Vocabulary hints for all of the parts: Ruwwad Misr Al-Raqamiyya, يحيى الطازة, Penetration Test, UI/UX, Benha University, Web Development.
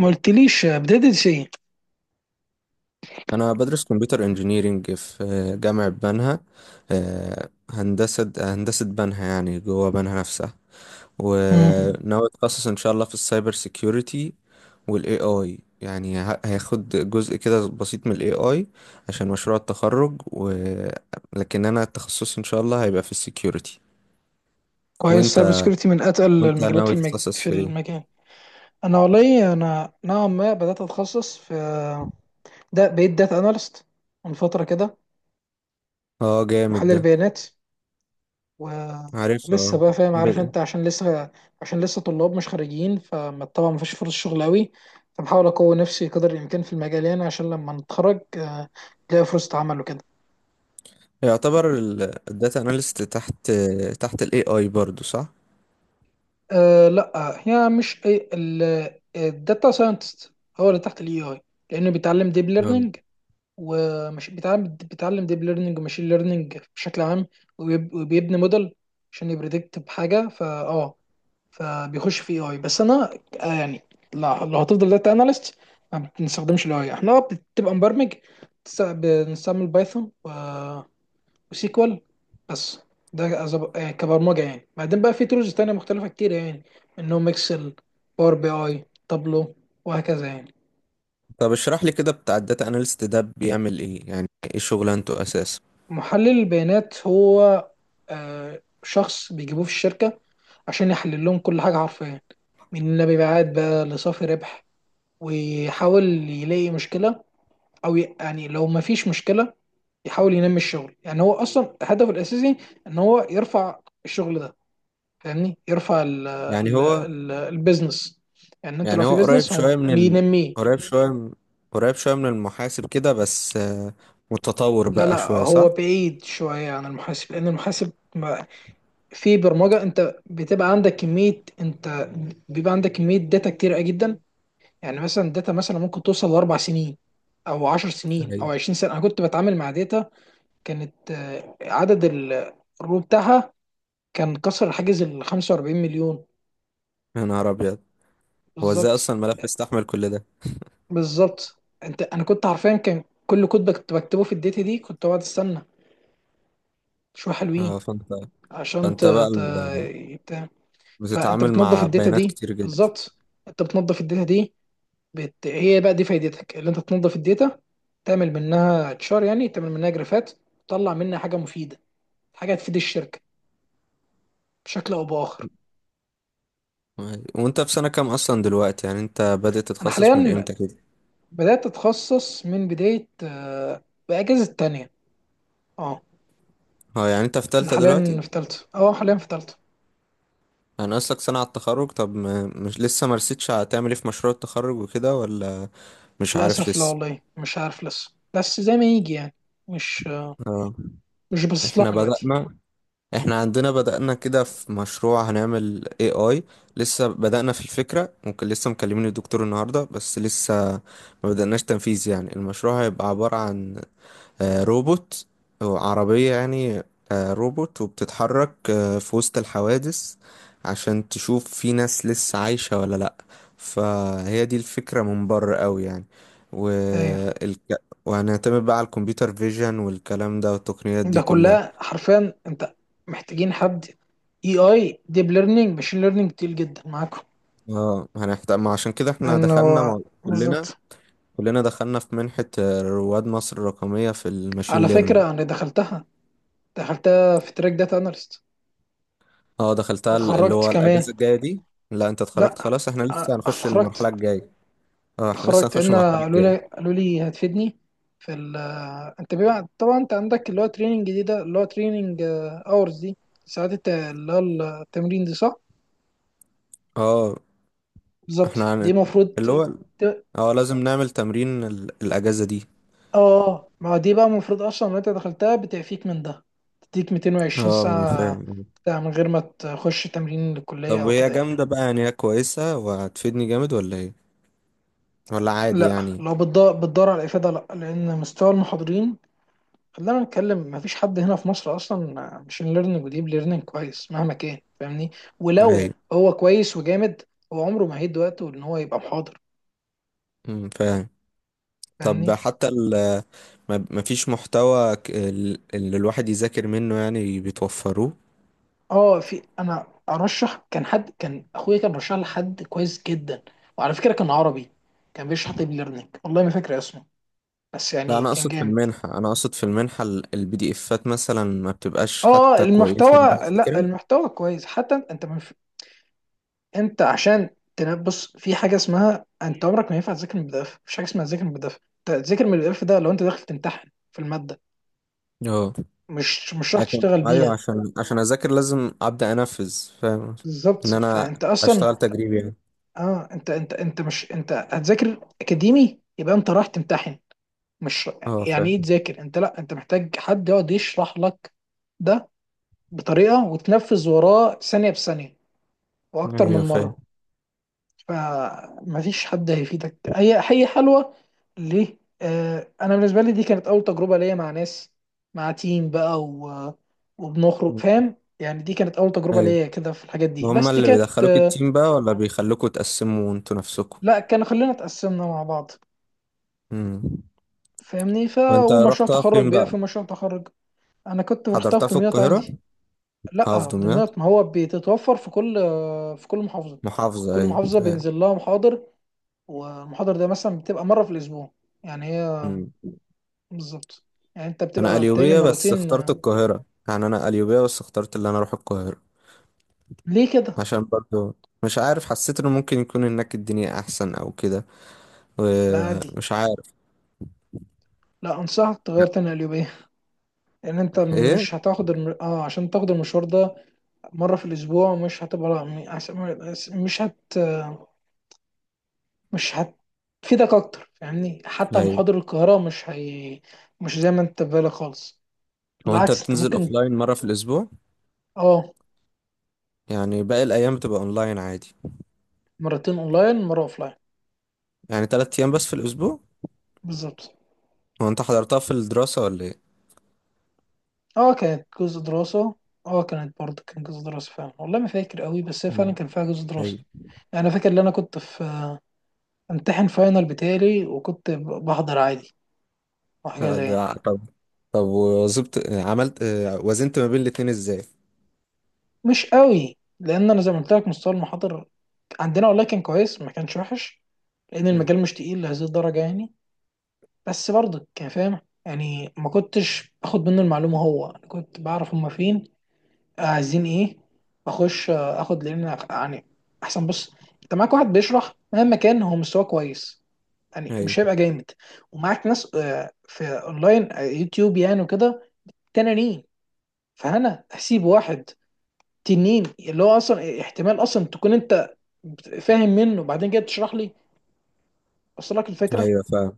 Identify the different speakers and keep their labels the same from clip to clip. Speaker 1: ما قلتليش بدأت ايه؟
Speaker 2: انا بدرس كمبيوتر انجينيرينج في جامعة بنها. هندسة بنها، يعني جوه بنها نفسها.
Speaker 1: مم.
Speaker 2: وناوي اتخصص ان شاء الله في السايبر سيكيورتي، والاي اي يعني هياخد جزء كده بسيط من الاي اي عشان مشروع التخرج. لكن انا التخصص ان شاء الله هيبقى في السيكيورتي.
Speaker 1: كويس،
Speaker 2: وانت
Speaker 1: سايبر سكيورتي من اتقل
Speaker 2: وانت
Speaker 1: المجالات
Speaker 2: ناوي تتخصص
Speaker 1: في
Speaker 2: في ايه؟
Speaker 1: المجال. انا والله انا نوعا ما بدات اتخصص في، ده بقيت داتا اناليست من فتره كده.
Speaker 2: اه، جامد
Speaker 1: محلل
Speaker 2: ده.
Speaker 1: بيانات.
Speaker 2: عارفها،
Speaker 1: ولسه
Speaker 2: آه.
Speaker 1: بقى فاهم، عارف
Speaker 2: ب-
Speaker 1: انت، عشان لسه طلاب مش خارجين، فطبعا مفيش فرص شغل قوي. فبحاول اقوي نفسي قدر الامكان في المجال يعني عشان لما نتخرج، الاقي فرصة عمل وكده.
Speaker 2: يعتبر الداتا اناليست تحت الاي اي برضو، صح؟
Speaker 1: أه، لا. هي مش الداتا ساينتست هو اللي تحت الاي اي، لانه بيتعلم ديب
Speaker 2: آه.
Speaker 1: ليرنينج. ومش بيتعلم ديب ليرنينج وماشين ليرنينج بشكل عام. وبيبني موديل عشان يبريدكت بحاجه. فبيخش في اي، بس انا يعني لو هتفضل داتا اناليست ما بنستخدمش الاي، احنا بتبقى مبرمج. بنستعمل بايثون وسيكوال بس. ده كبرمجه يعني، بعدين بقى في تولز تانية مختلفه كتير يعني، منهم اكسل، باور بي اي، تابلو، وهكذا يعني.
Speaker 2: طب اشرح لي كده بتاع الداتا اناليست ده بيعمل ايه؟ يعني ايه شغلانته اساسا؟
Speaker 1: محلل البيانات هو شخص بيجيبوه في الشركه عشان يحلل لهم كل حاجه حرفيا، من مبيعات بقى لصافي ربح. ويحاول يلاقي مشكله، او يعني لو ما فيش مشكله، يحاول ينمي الشغل. يعني هو اصلا هدفه الاساسي ان هو يرفع الشغل ده، فاهمني، يرفع ال
Speaker 2: يعني
Speaker 1: ال
Speaker 2: هو
Speaker 1: ال البيزنس. يعني انت لو
Speaker 2: يعني
Speaker 1: في
Speaker 2: هو قريب
Speaker 1: بيزنس هو
Speaker 2: شويه من ال...
Speaker 1: بينميه.
Speaker 2: قريب شويه من... قريب شويه من المحاسب كده، بس متطور
Speaker 1: لا
Speaker 2: بقى
Speaker 1: لا،
Speaker 2: شويه،
Speaker 1: هو
Speaker 2: صح؟
Speaker 1: بعيد شويه عن المحاسب، لان المحاسب. في برمجه، انت بتبقى عندك كميه، انت بيبقى عندك كميه داتا كتير جدا. يعني مثلا الداتا مثلا ممكن توصل ل4 سنين او 10 سنين او
Speaker 2: ايوه.
Speaker 1: 20 سنه. انا كنت بتعامل مع داتا كانت عدد الرو بتاعها كان كسر حاجز ال 45 مليون.
Speaker 2: يا نهار ابيض، هو ازاي
Speaker 1: بالظبط.
Speaker 2: اصلا الملف يستحمل كل ده؟
Speaker 1: بالظبط انت، انا كنت حرفيا كان كل كود بكتبه في الداتا دي، كنت بقعد استنى شويه
Speaker 2: اه،
Speaker 1: حلوين
Speaker 2: فانت
Speaker 1: عشان
Speaker 2: فانت بقى
Speaker 1: ت... فانت
Speaker 2: بتتعامل
Speaker 1: بتنظف
Speaker 2: مع
Speaker 1: الداتا
Speaker 2: بيانات
Speaker 1: دي،
Speaker 2: كتير جدا.
Speaker 1: بالظبط. انت بتنظف الداتا دي، هي بقى دي فايدتك، اللي انت تنظف الداتا، تعمل منها تشار يعني، تعمل منها جرافات، تطلع منها حاجه مفيده، حاجه تفيد الشركه بشكل او باخر.
Speaker 2: وانت في سنه كام اصلا دلوقتي؟ يعني انت بدأت
Speaker 1: انا
Speaker 2: تتخصص من
Speaker 1: حاليا
Speaker 2: امتى كده؟
Speaker 1: بدات اتخصص من بدايه باجازه تانية، اه.
Speaker 2: اه، يعني انت في
Speaker 1: انا
Speaker 2: تالتة
Speaker 1: حاليا
Speaker 2: دلوقتي.
Speaker 1: في تالتة، اه، حاليا في تالتة.
Speaker 2: انا اصلك سنة على التخرج. طب ما مش لسه ما رسيتش، هتعمل ايه في مشروع التخرج وكده ولا مش عارف
Speaker 1: للاسف لا
Speaker 2: لسه؟
Speaker 1: والله، مش عارف لسه، بس زي ما يجي يعني. مش،
Speaker 2: اه،
Speaker 1: مش باصص لها
Speaker 2: احنا
Speaker 1: من دلوقتي.
Speaker 2: بدأنا احنا عندنا بدأنا كده في مشروع هنعمل AI. لسه بدأنا في الفكرة، ممكن لسه مكلمين الدكتور النهاردة، بس لسه ما بدأناش تنفيذ. يعني المشروع هيبقى عبارة عن روبوت، أو عربية يعني، روبوت وبتتحرك في وسط الحوادث عشان تشوف في ناس لسه عايشة ولا لأ. فهي دي الفكرة من بره قوي يعني.
Speaker 1: ايوه،
Speaker 2: وهنعتمد بقى على الكمبيوتر فيجن والكلام ده والتقنيات دي
Speaker 1: ده
Speaker 2: كلها.
Speaker 1: كلها حرفيا انت محتاجين حد اي اي ديب ليرنينج ماشين ليرنينج كتير جدا معاكم.
Speaker 2: اه، هنحتاج. ما عشان كده احنا
Speaker 1: انه،
Speaker 2: دخلنا كلنا،
Speaker 1: بالظبط.
Speaker 2: دخلنا في منحة رواد مصر الرقمية في الماشين
Speaker 1: على
Speaker 2: ليرنينج.
Speaker 1: فكرة انا دخلتها، دخلتها في تراك داتا اناليست،
Speaker 2: اه، دخلتها اللي
Speaker 1: واتخرجت
Speaker 2: هو
Speaker 1: كمان.
Speaker 2: الأجازة الجاية دي. لا، انت اتخرجت
Speaker 1: لا،
Speaker 2: خلاص، احنا
Speaker 1: أنا
Speaker 2: لسه هنخش المرحلة
Speaker 1: اتخرجت.
Speaker 2: الجاية. اه، احنا لسه
Speaker 1: اتخرجت
Speaker 2: هنخش
Speaker 1: ان
Speaker 2: المرحلة
Speaker 1: قالوا لي
Speaker 2: الجاية.
Speaker 1: قالوا لي هتفيدني في ال. انت بيبقى طبعا انت عندك اللي هو تريننج دي، ده اللي هو تريننج اورز دي، ساعات اللي هو التمرين دي، صح؟
Speaker 2: اه،
Speaker 1: بالظبط،
Speaker 2: احنا
Speaker 1: دي
Speaker 2: هن...
Speaker 1: المفروض
Speaker 2: اللي هو،
Speaker 1: ت-
Speaker 2: اه، لازم نعمل تمرين الأجازة دي.
Speaker 1: اه، ما دي بقى المفروض اصلا لو انت دخلتها بتعفيك من ده، تديك 220
Speaker 2: اه، ما انا
Speaker 1: ساعة
Speaker 2: فاهم.
Speaker 1: بتاع، من غير ما تخش تمرين للكلية
Speaker 2: طب
Speaker 1: او
Speaker 2: وهي
Speaker 1: كده يعني.
Speaker 2: جامدة بقى؟ يعني هي كويسة وهتفيدني جامد ولا ايه؟ ولا عادي
Speaker 1: لا،
Speaker 2: يعني؟
Speaker 1: لو بتدور على الافادة، لا، لان مستوى المحاضرين، خلينا نتكلم، مفيش حد هنا في مصر اصلا ماشين ليرنينج وديب ليرنينج كويس، مهما كان، فاهمني. ولو
Speaker 2: ايوه.
Speaker 1: هو كويس وجامد، هو عمره ما هيدي وقته ان هو يبقى محاضر،
Speaker 2: فاهم. طب
Speaker 1: فاهمني.
Speaker 2: حتى ما فيش محتوى اللي الواحد يذاكر منه يعني، بتوفروه؟
Speaker 1: اه، في، انا ارشح، كان حد كان اخويا كان رشح لحد كويس جدا، وعلى فكره كان عربي، كان بيشرح ديب ليرنينج، والله ما فاكر اسمه، بس
Speaker 2: لا،
Speaker 1: يعني كان جامد.
Speaker 2: انا اقصد في المنحة، البي دي افات مثلا ما بتبقاش
Speaker 1: اه
Speaker 2: حتى كويسة إن
Speaker 1: المحتوى،
Speaker 2: الواحد
Speaker 1: لا
Speaker 2: يذاكرها.
Speaker 1: المحتوى كويس. حتى انت، انت عشان بص، في حاجه اسمها انت عمرك ما ينفع تذاكر من البي دي اف، مفيش حاجه اسمها تذاكر من البي دي اف. انت تذاكر من البي دي اف ده لو انت داخل تمتحن في الماده،
Speaker 2: اه.
Speaker 1: مش راح
Speaker 2: لكن
Speaker 1: تشتغل
Speaker 2: ايوه،
Speaker 1: بيها.
Speaker 2: عشان اذاكر لازم ابدا انفذ. فاهم،
Speaker 1: بالظبط،
Speaker 2: ان انا
Speaker 1: فانت اصلا،
Speaker 2: اشتغل تجريبي يعني.
Speaker 1: اه، انت انت مش، انت هتذاكر اكاديمي يبقى انت راح تمتحن، مش.
Speaker 2: اه،
Speaker 1: يعني ايه
Speaker 2: فاهم.
Speaker 1: تذاكر انت؟ لا، انت محتاج حد يقعد يشرح لك ده بطريقه وتنفذ وراه ثانيه بثانيه واكتر
Speaker 2: ايوه
Speaker 1: من
Speaker 2: فاهم
Speaker 1: مره. فمفيش حد هيفيدك. هي حلوه ليه؟ آه، انا بالنسبه لي دي كانت اول تجربه ليا مع ناس، مع تيم بقى، و... وبنخرج فاهم يعني، دي كانت اول تجربه
Speaker 2: ايوه
Speaker 1: ليا كده في الحاجات دي، بس
Speaker 2: هما
Speaker 1: دي
Speaker 2: اللي
Speaker 1: كانت
Speaker 2: بيدخلوك
Speaker 1: آه،
Speaker 2: التيم بقى ولا بيخلوكوا تقسموا انتوا نفسكوا
Speaker 1: لا، كان، خلينا اتقسمنا مع بعض،
Speaker 2: امم
Speaker 1: فاهمني.
Speaker 2: وانت
Speaker 1: ومشروع
Speaker 2: رحتها
Speaker 1: تخرج
Speaker 2: فين
Speaker 1: بقى، في
Speaker 2: بقى
Speaker 1: مشروع تخرج. انا كنت رحتها في
Speaker 2: حضرتها في
Speaker 1: دمياط
Speaker 2: القاهرة
Speaker 1: عندي.
Speaker 2: محافظة
Speaker 1: لا في
Speaker 2: دمياط
Speaker 1: دمياط، ما هو بتتوفر في كل في كل محافظه.
Speaker 2: محافظة
Speaker 1: كل
Speaker 2: ايوه
Speaker 1: محافظه
Speaker 2: فاهم
Speaker 1: بينزل لها محاضر، والمحاضر ده مثلا بتبقى مره في الاسبوع، يعني هي،
Speaker 2: امم
Speaker 1: بالظبط، يعني انت
Speaker 2: انا
Speaker 1: بتبقى بتالي
Speaker 2: قليوبية بس
Speaker 1: مرتين
Speaker 2: اخترت
Speaker 1: آه،
Speaker 2: القاهرة يعني انا قليوبية بس اخترت اللي انا اروح القاهرة
Speaker 1: ليه كده؟
Speaker 2: عشان برضو مش عارف حسيت انه ممكن يكون هناك الدنيا احسن او كده
Speaker 1: لا عادي.
Speaker 2: ومش عارف
Speaker 1: لا انصحك تغير
Speaker 2: يعني.
Speaker 1: تاني قليوبية، لان انت
Speaker 2: ايه
Speaker 1: مش هتاخد اه عشان تاخد المشوار ده مرة في الاسبوع، مش هتبقى، لا مش مش هتفيدك اكتر، فاهمني. حتى
Speaker 2: ايوه
Speaker 1: محاضر القاهرة مش هي، مش زي ما انت في بالك خالص،
Speaker 2: هو انت
Speaker 1: بالعكس انت
Speaker 2: بتنزل
Speaker 1: ممكن.
Speaker 2: اوفلاين مرة في الاسبوع
Speaker 1: اه،
Speaker 2: يعني باقي الايام بتبقى اونلاين عادي
Speaker 1: مرتين اونلاين، مرة اوفلاين.
Speaker 2: يعني تلات ايام بس في الاسبوع
Speaker 1: بالظبط.
Speaker 2: هو انت حضرتها في الدراسة ولا ايه
Speaker 1: اه كانت جزء دراسة. اه كانت برضه، كان جزء دراسة فعلا، والله ما فاكر قوي، بس هي فعلا
Speaker 2: مم.
Speaker 1: كان فيها جزء دراسة.
Speaker 2: ايوه
Speaker 1: يعني انا فاكر ان انا كنت في، امتحن فاينل بتاعي، وكنت بحضر عادي وحاجة
Speaker 2: آه،
Speaker 1: زي يعني.
Speaker 2: ده طب طب وظبط عملت آه، وزنت ما بين الاتنين ازاي
Speaker 1: مش قوي، لان انا زي ما قلت لك، مستوى المحاضر عندنا، والله كان كويس، ما كانش وحش، لان
Speaker 2: مم.
Speaker 1: المجال مش تقيل لهذه الدرجة يعني، بس برضه كان فاهم. يعني ما كنتش باخد منه المعلومة، هو أنا كنت بعرف هما فين عايزين ايه، اخش اخد، لان يعني احسن، بص، انت معاك واحد بيشرح مهما كان هو مستواه كويس، يعني مش
Speaker 2: ايوه
Speaker 1: هيبقى جامد. ومعاك ناس في اونلاين يوتيوب يعني وكده، تنانين. فانا هسيب واحد تنين، اللي هو اصلا احتمال اصلا تكون انت فاهم منه، وبعدين جاي تشرح لي، وصل لك الفكره.
Speaker 2: ايوه، فاهم،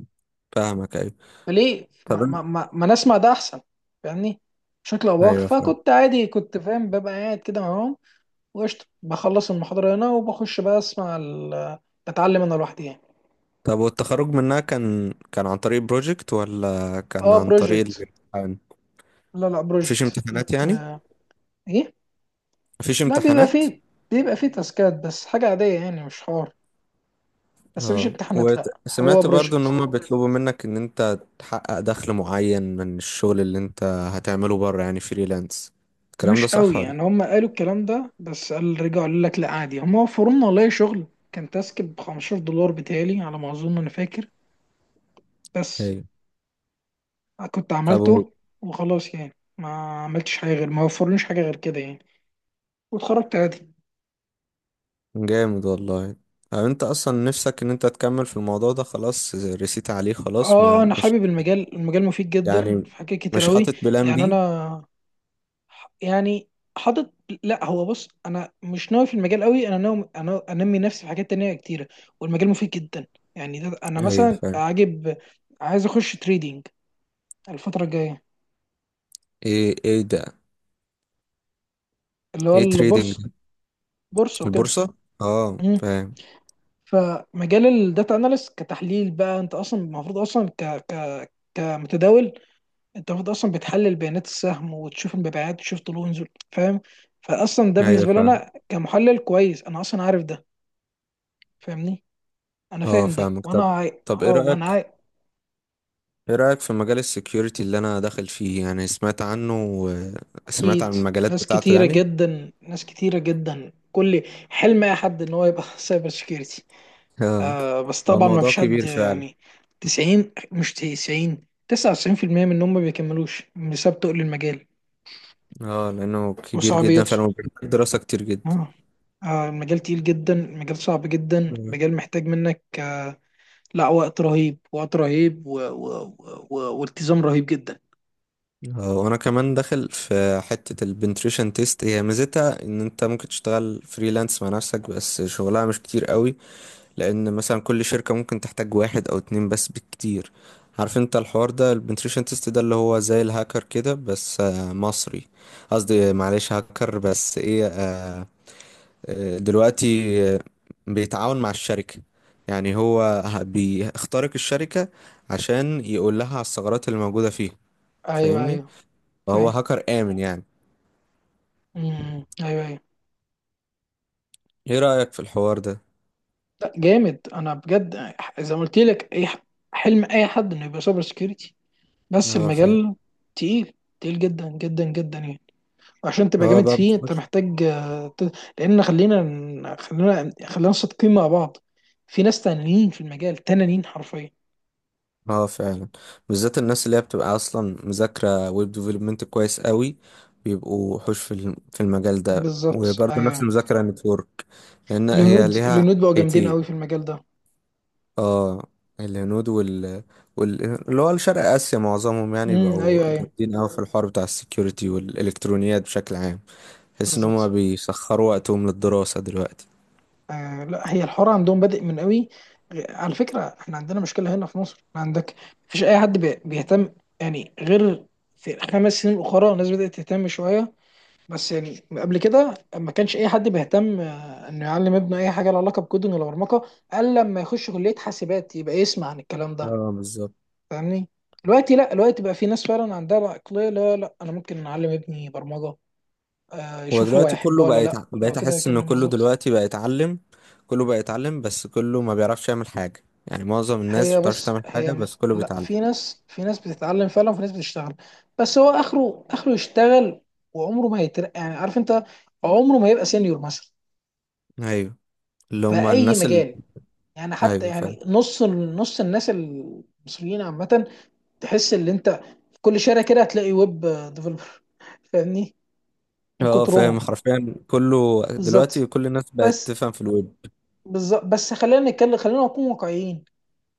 Speaker 2: فاهمك، ايوه.
Speaker 1: فليه
Speaker 2: طب
Speaker 1: ما, ما, ما, ما نسمع ده احسن؟ فاهمني، بشكل او باخر،
Speaker 2: ايوه، فاهم.
Speaker 1: فكنت عادي كنت فاهم، ببقى قاعد كده معاهم، وقشطة، بخلص المحاضرة هنا وبخش بقى أسمع ال، بتعلم أنا لوحدي يعني.
Speaker 2: طب والتخرج منها كان عن طريق بروجكت ولا كان
Speaker 1: أه،
Speaker 2: عن طريق
Speaker 1: بروجكت.
Speaker 2: الامتحان؟
Speaker 1: لا لا،
Speaker 2: مفيش
Speaker 1: بروجكت
Speaker 2: امتحانات
Speaker 1: بت
Speaker 2: يعني؟
Speaker 1: إيه؟
Speaker 2: مفيش
Speaker 1: لا بيبقى
Speaker 2: امتحانات؟
Speaker 1: فيه، بيبقى فيه تاسكات بس، حاجة عادية يعني، مش حوار، بس مفيش
Speaker 2: اه.
Speaker 1: امتحانات، لا هو
Speaker 2: وسمعت برضو ان
Speaker 1: بروجكت.
Speaker 2: هم بيطلبوا منك ان انت تحقق دخل معين من الشغل اللي انت هتعمله بره يعني فريلانس، الكلام ده
Speaker 1: مش
Speaker 2: صح
Speaker 1: قوي
Speaker 2: ولا؟
Speaker 1: يعني، هم قالوا الكلام ده، بس قال رجعوا قالوا لك لا عادي، هم وفروا لنا والله شغل، كان تاسك ب 15 دولار بتهيألي على ما أظن، أنا فاكر، بس
Speaker 2: ايوه.
Speaker 1: كنت
Speaker 2: ابو
Speaker 1: عملته وخلاص يعني، ما عملتش حاجة غير، ما وفرليش حاجة غير كده يعني، واتخرجت عادي.
Speaker 2: جامد والله. طب انت اصلا نفسك ان انت تكمل في الموضوع ده؟ خلاص رسيت عليه خلاص،
Speaker 1: اه،
Speaker 2: ما
Speaker 1: انا
Speaker 2: مش
Speaker 1: حابب المجال، المجال مفيد جدا
Speaker 2: يعني،
Speaker 1: في حاجات كتير
Speaker 2: مش
Speaker 1: اوي.
Speaker 2: حاطط بلان
Speaker 1: يعني
Speaker 2: بي؟
Speaker 1: انا يعني حاطط، لا هو بص، انا مش ناوي في المجال قوي، انا ناوي انا انمي نفسي في حاجات تانية كتيره، والمجال مفيد جدا، يعني ده انا
Speaker 2: ايوه،
Speaker 1: مثلا
Speaker 2: فاهم.
Speaker 1: عاجب عايز اخش تريدينج الفتره الجايه،
Speaker 2: ايه؟ ايه ده؟
Speaker 1: اللي هو
Speaker 2: ايه تريدينج
Speaker 1: البورصه،
Speaker 2: ده؟
Speaker 1: بورصه وكده.
Speaker 2: البورصة. اه،
Speaker 1: مم.
Speaker 2: فاهم.
Speaker 1: فمجال الداتا اناليست كتحليل بقى، انت اصلا المفروض اصلا ك ك كمتداول، انت المفروض اصلا بتحلل بيانات السهم، وتشوف المبيعات، وتشوف طلوع ونزول، فاهم؟ فاصلا ده
Speaker 2: ايوه،
Speaker 1: بالنسبه لي
Speaker 2: فاهم.
Speaker 1: انا كمحلل كويس، انا اصلا عارف ده، فاهمني. انا
Speaker 2: اه،
Speaker 1: فاهم ده
Speaker 2: فاهمك.
Speaker 1: وانا
Speaker 2: طب،
Speaker 1: عاي...
Speaker 2: طب
Speaker 1: اه
Speaker 2: ايه
Speaker 1: وانا
Speaker 2: رأيك
Speaker 1: عاي...
Speaker 2: ايه رأيك في مجال السكيورتي اللي انا داخل فيه؟ يعني سمعت
Speaker 1: اكيد.
Speaker 2: عن المجالات
Speaker 1: ناس
Speaker 2: بتاعته
Speaker 1: كتيره
Speaker 2: يعني.
Speaker 1: جدا، ناس كتيره جدا، كل حلم اي حد ان هو يبقى سايبر سكيورتي،
Speaker 2: اه،
Speaker 1: آه. بس
Speaker 2: هو
Speaker 1: طبعا ما
Speaker 2: الموضوع
Speaker 1: فيش حد
Speaker 2: كبير فعلا.
Speaker 1: يعني، 90 مش 90 99% منهم ما بيكملوش بسبب تقل المجال
Speaker 2: اه، لانه كبير جدا
Speaker 1: وصعوبيته،
Speaker 2: فعلا، وبيحتاج دراسة كتير جدا.
Speaker 1: اه. المجال تقيل جدا، المجال صعب جدا،
Speaker 2: اه.
Speaker 1: المجال محتاج منك، لا، وقت رهيب، وقت رهيب والتزام رهيب جدا.
Speaker 2: وانا كمان داخل في حتة البنتريشن تيست. هي ميزتها ان انت ممكن تشتغل فريلانس مع نفسك، بس شغلها مش كتير قوي، لان مثلا كل شركة ممكن تحتاج واحد او اتنين بس بالكتير. عارف انت الحوار ده، البنتريشن تيست ده اللي هو زي الهاكر كده بس مصري؟ قصدي، معلش، هاكر، بس ايه، دلوقتي، آه، بيتعاون مع الشركة. يعني هو بيخترق الشركة عشان يقول لها على الثغرات اللي موجودة فيها،
Speaker 1: ايوه
Speaker 2: فاهمني؟
Speaker 1: ايوه
Speaker 2: فهو
Speaker 1: فاهم.
Speaker 2: هاكر آمن يعني.
Speaker 1: أمم، ايوه ايوه.
Speaker 2: ايه رأيك في الحوار ده؟
Speaker 1: لا جامد، انا بجد، زي ما قلت لك، اي حلم اي حد انه يبقى سايبر سكيورتي، بس
Speaker 2: اه، فاهم.
Speaker 1: المجال تقيل، تقيل جدا جدا جدا يعني. وعشان تبقى
Speaker 2: هو
Speaker 1: جامد
Speaker 2: بقى.
Speaker 1: فيه انت محتاج. لان خلينا خلينا خلينا صادقين مع بعض، في ناس تانيين في المجال تنانين حرفيا.
Speaker 2: اه، فعلا. بالذات الناس اللي هي بتبقى اصلا مذاكره ويب ديفلوبمنت كويس قوي، بيبقوا وحوش في المجال ده.
Speaker 1: بالظبط،
Speaker 2: وبرضه نفس
Speaker 1: ايوه.
Speaker 2: المذاكره، نتورك، لان هي
Speaker 1: الهنود
Speaker 2: ليها
Speaker 1: الهنود بقوا جامدين
Speaker 2: حيتين.
Speaker 1: قوي في المجال ده.
Speaker 2: اه. الهنود وال... اللي هو شرق اسيا معظمهم، يعني
Speaker 1: امم،
Speaker 2: بقوا
Speaker 1: ايوه ايوه.
Speaker 2: جامدين قوي في الحوار بتاع السكيورتي والالكترونيات بشكل عام. تحس ان هم
Speaker 1: بالظبط،
Speaker 2: بيسخروا وقتهم للدراسه دلوقتي.
Speaker 1: آه. لا، هي الحوار عندهم بادئ من قوي. على فكره احنا عندنا مشكله هنا في مصر، عندك مفيش اي حد بيهتم، يعني غير في 5 سنين اخرى الناس بدات تهتم شويه. بس يعني قبل كده ما كانش اي حد بيهتم انه يعلم ابنه اي حاجه لها علاقه بكودنج ولا برمجه، الا لما يخش كليه حاسبات يبقى يسمع عن الكلام ده.
Speaker 2: اه، بالظبط.
Speaker 1: فاهمني. دلوقتي لا، دلوقتي بقى في ناس فعلا عندها العقلية، لا لا انا ممكن اعلم ابني برمجة،
Speaker 2: هو
Speaker 1: يشوف هو
Speaker 2: دلوقتي
Speaker 1: هيحبها
Speaker 2: كله
Speaker 1: ولا
Speaker 2: بقى
Speaker 1: لا، لو
Speaker 2: بقيت
Speaker 1: كده
Speaker 2: احس ان
Speaker 1: يكلم
Speaker 2: كله
Speaker 1: بالظبط.
Speaker 2: دلوقتي بقى يتعلم. بس كله ما بيعرفش يعمل حاجة، يعني معظم الناس ما
Speaker 1: هي،
Speaker 2: بتعرفش
Speaker 1: بس
Speaker 2: تعمل
Speaker 1: هي
Speaker 2: حاجة بس كله
Speaker 1: لا،
Speaker 2: بيتعلم.
Speaker 1: في ناس بتتعلم فعلا، وفي ناس بتشتغل، بس هو اخره اخره يشتغل، وعمره ما هيترقى يعني، عارف انت، عمره ما يبقى سينيور مثلا،
Speaker 2: ايوه، اللي
Speaker 1: في
Speaker 2: هم
Speaker 1: اي
Speaker 2: الناس اللي.
Speaker 1: مجال. يعني حتى
Speaker 2: ايوه، فاهم.
Speaker 1: يعني نص نص الناس المصريين عامة، تحس ان انت في كل شارع كده هتلاقي ويب ديفلوبر، فاهمني، من
Speaker 2: اه، فاهم،
Speaker 1: كترهم.
Speaker 2: حرفيا كله
Speaker 1: بالظبط،
Speaker 2: دلوقتي، كل الناس بقت
Speaker 1: بس،
Speaker 2: تفهم في الويب.
Speaker 1: بالظبط، بس خلينا نتكلم، خلينا نكون واقعيين،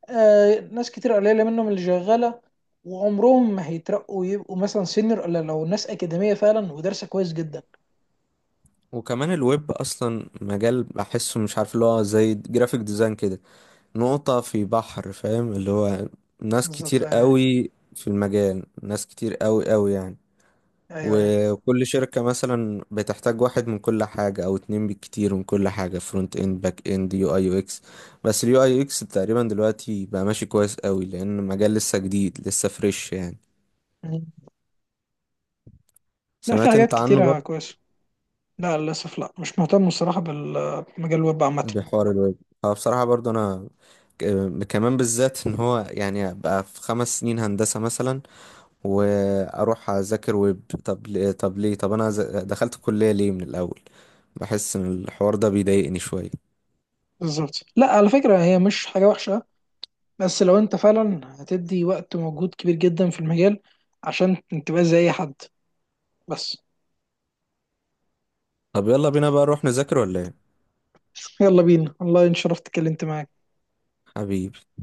Speaker 1: آه ناس كتير قليله منهم اللي شغاله، وعمرهم ما هيترقوا يبقوا مثلا سينيور، الا لو ناس اكاديميه فعلا ودارسه كويس جدا.
Speaker 2: وكمان الويب اصلا مجال، بحسه مش عارف، اللي هو زي جرافيك ديزاين كده، نقطة في بحر. فاهم؟ اللي هو ناس
Speaker 1: بالظبط،
Speaker 2: كتير
Speaker 1: آه.
Speaker 2: قوي في المجال، ناس كتير قوي قوي يعني.
Speaker 1: ايوه ايوه.
Speaker 2: وكل شركة مثلا بتحتاج واحد من كل حاجة أو اتنين بالكتير، من كل حاجة: فرونت اند، باك اند، يو اي يو اكس. بس اليو اي يو اكس تقريبا دلوقتي بقى ماشي كويس قوي، لأن مجال لسه جديد، لسه فريش يعني.
Speaker 1: مم. لا، في
Speaker 2: سمعت
Speaker 1: حاجات
Speaker 2: انت عنه
Speaker 1: كتيره
Speaker 2: برضه؟
Speaker 1: كويسه، لا للاسف، لا مش مهتم الصراحه بمجال الويب عامه.
Speaker 2: بحوار الويب. اه، بصراحة برضه أنا كمان، بالذات ان هو يعني ابقى في 5 سنين هندسة مثلا واروح اذاكر ويب، طب انا دخلت الكلية ليه من الاول؟ بحس ان الحوار ده بيضايقني شوية.
Speaker 1: بالظبط، لا على فكره هي مش حاجه وحشه، بس لو انت فعلا هتدي وقت ومجهود كبير جدا في المجال عشان تبقى زي اي حد بس.
Speaker 2: طب يلا بينا بقى نروح نذاكر ولا ايه؟
Speaker 1: يلا بينا والله، ان شرفت اتكلمت معاك.
Speaker 2: حبيبي.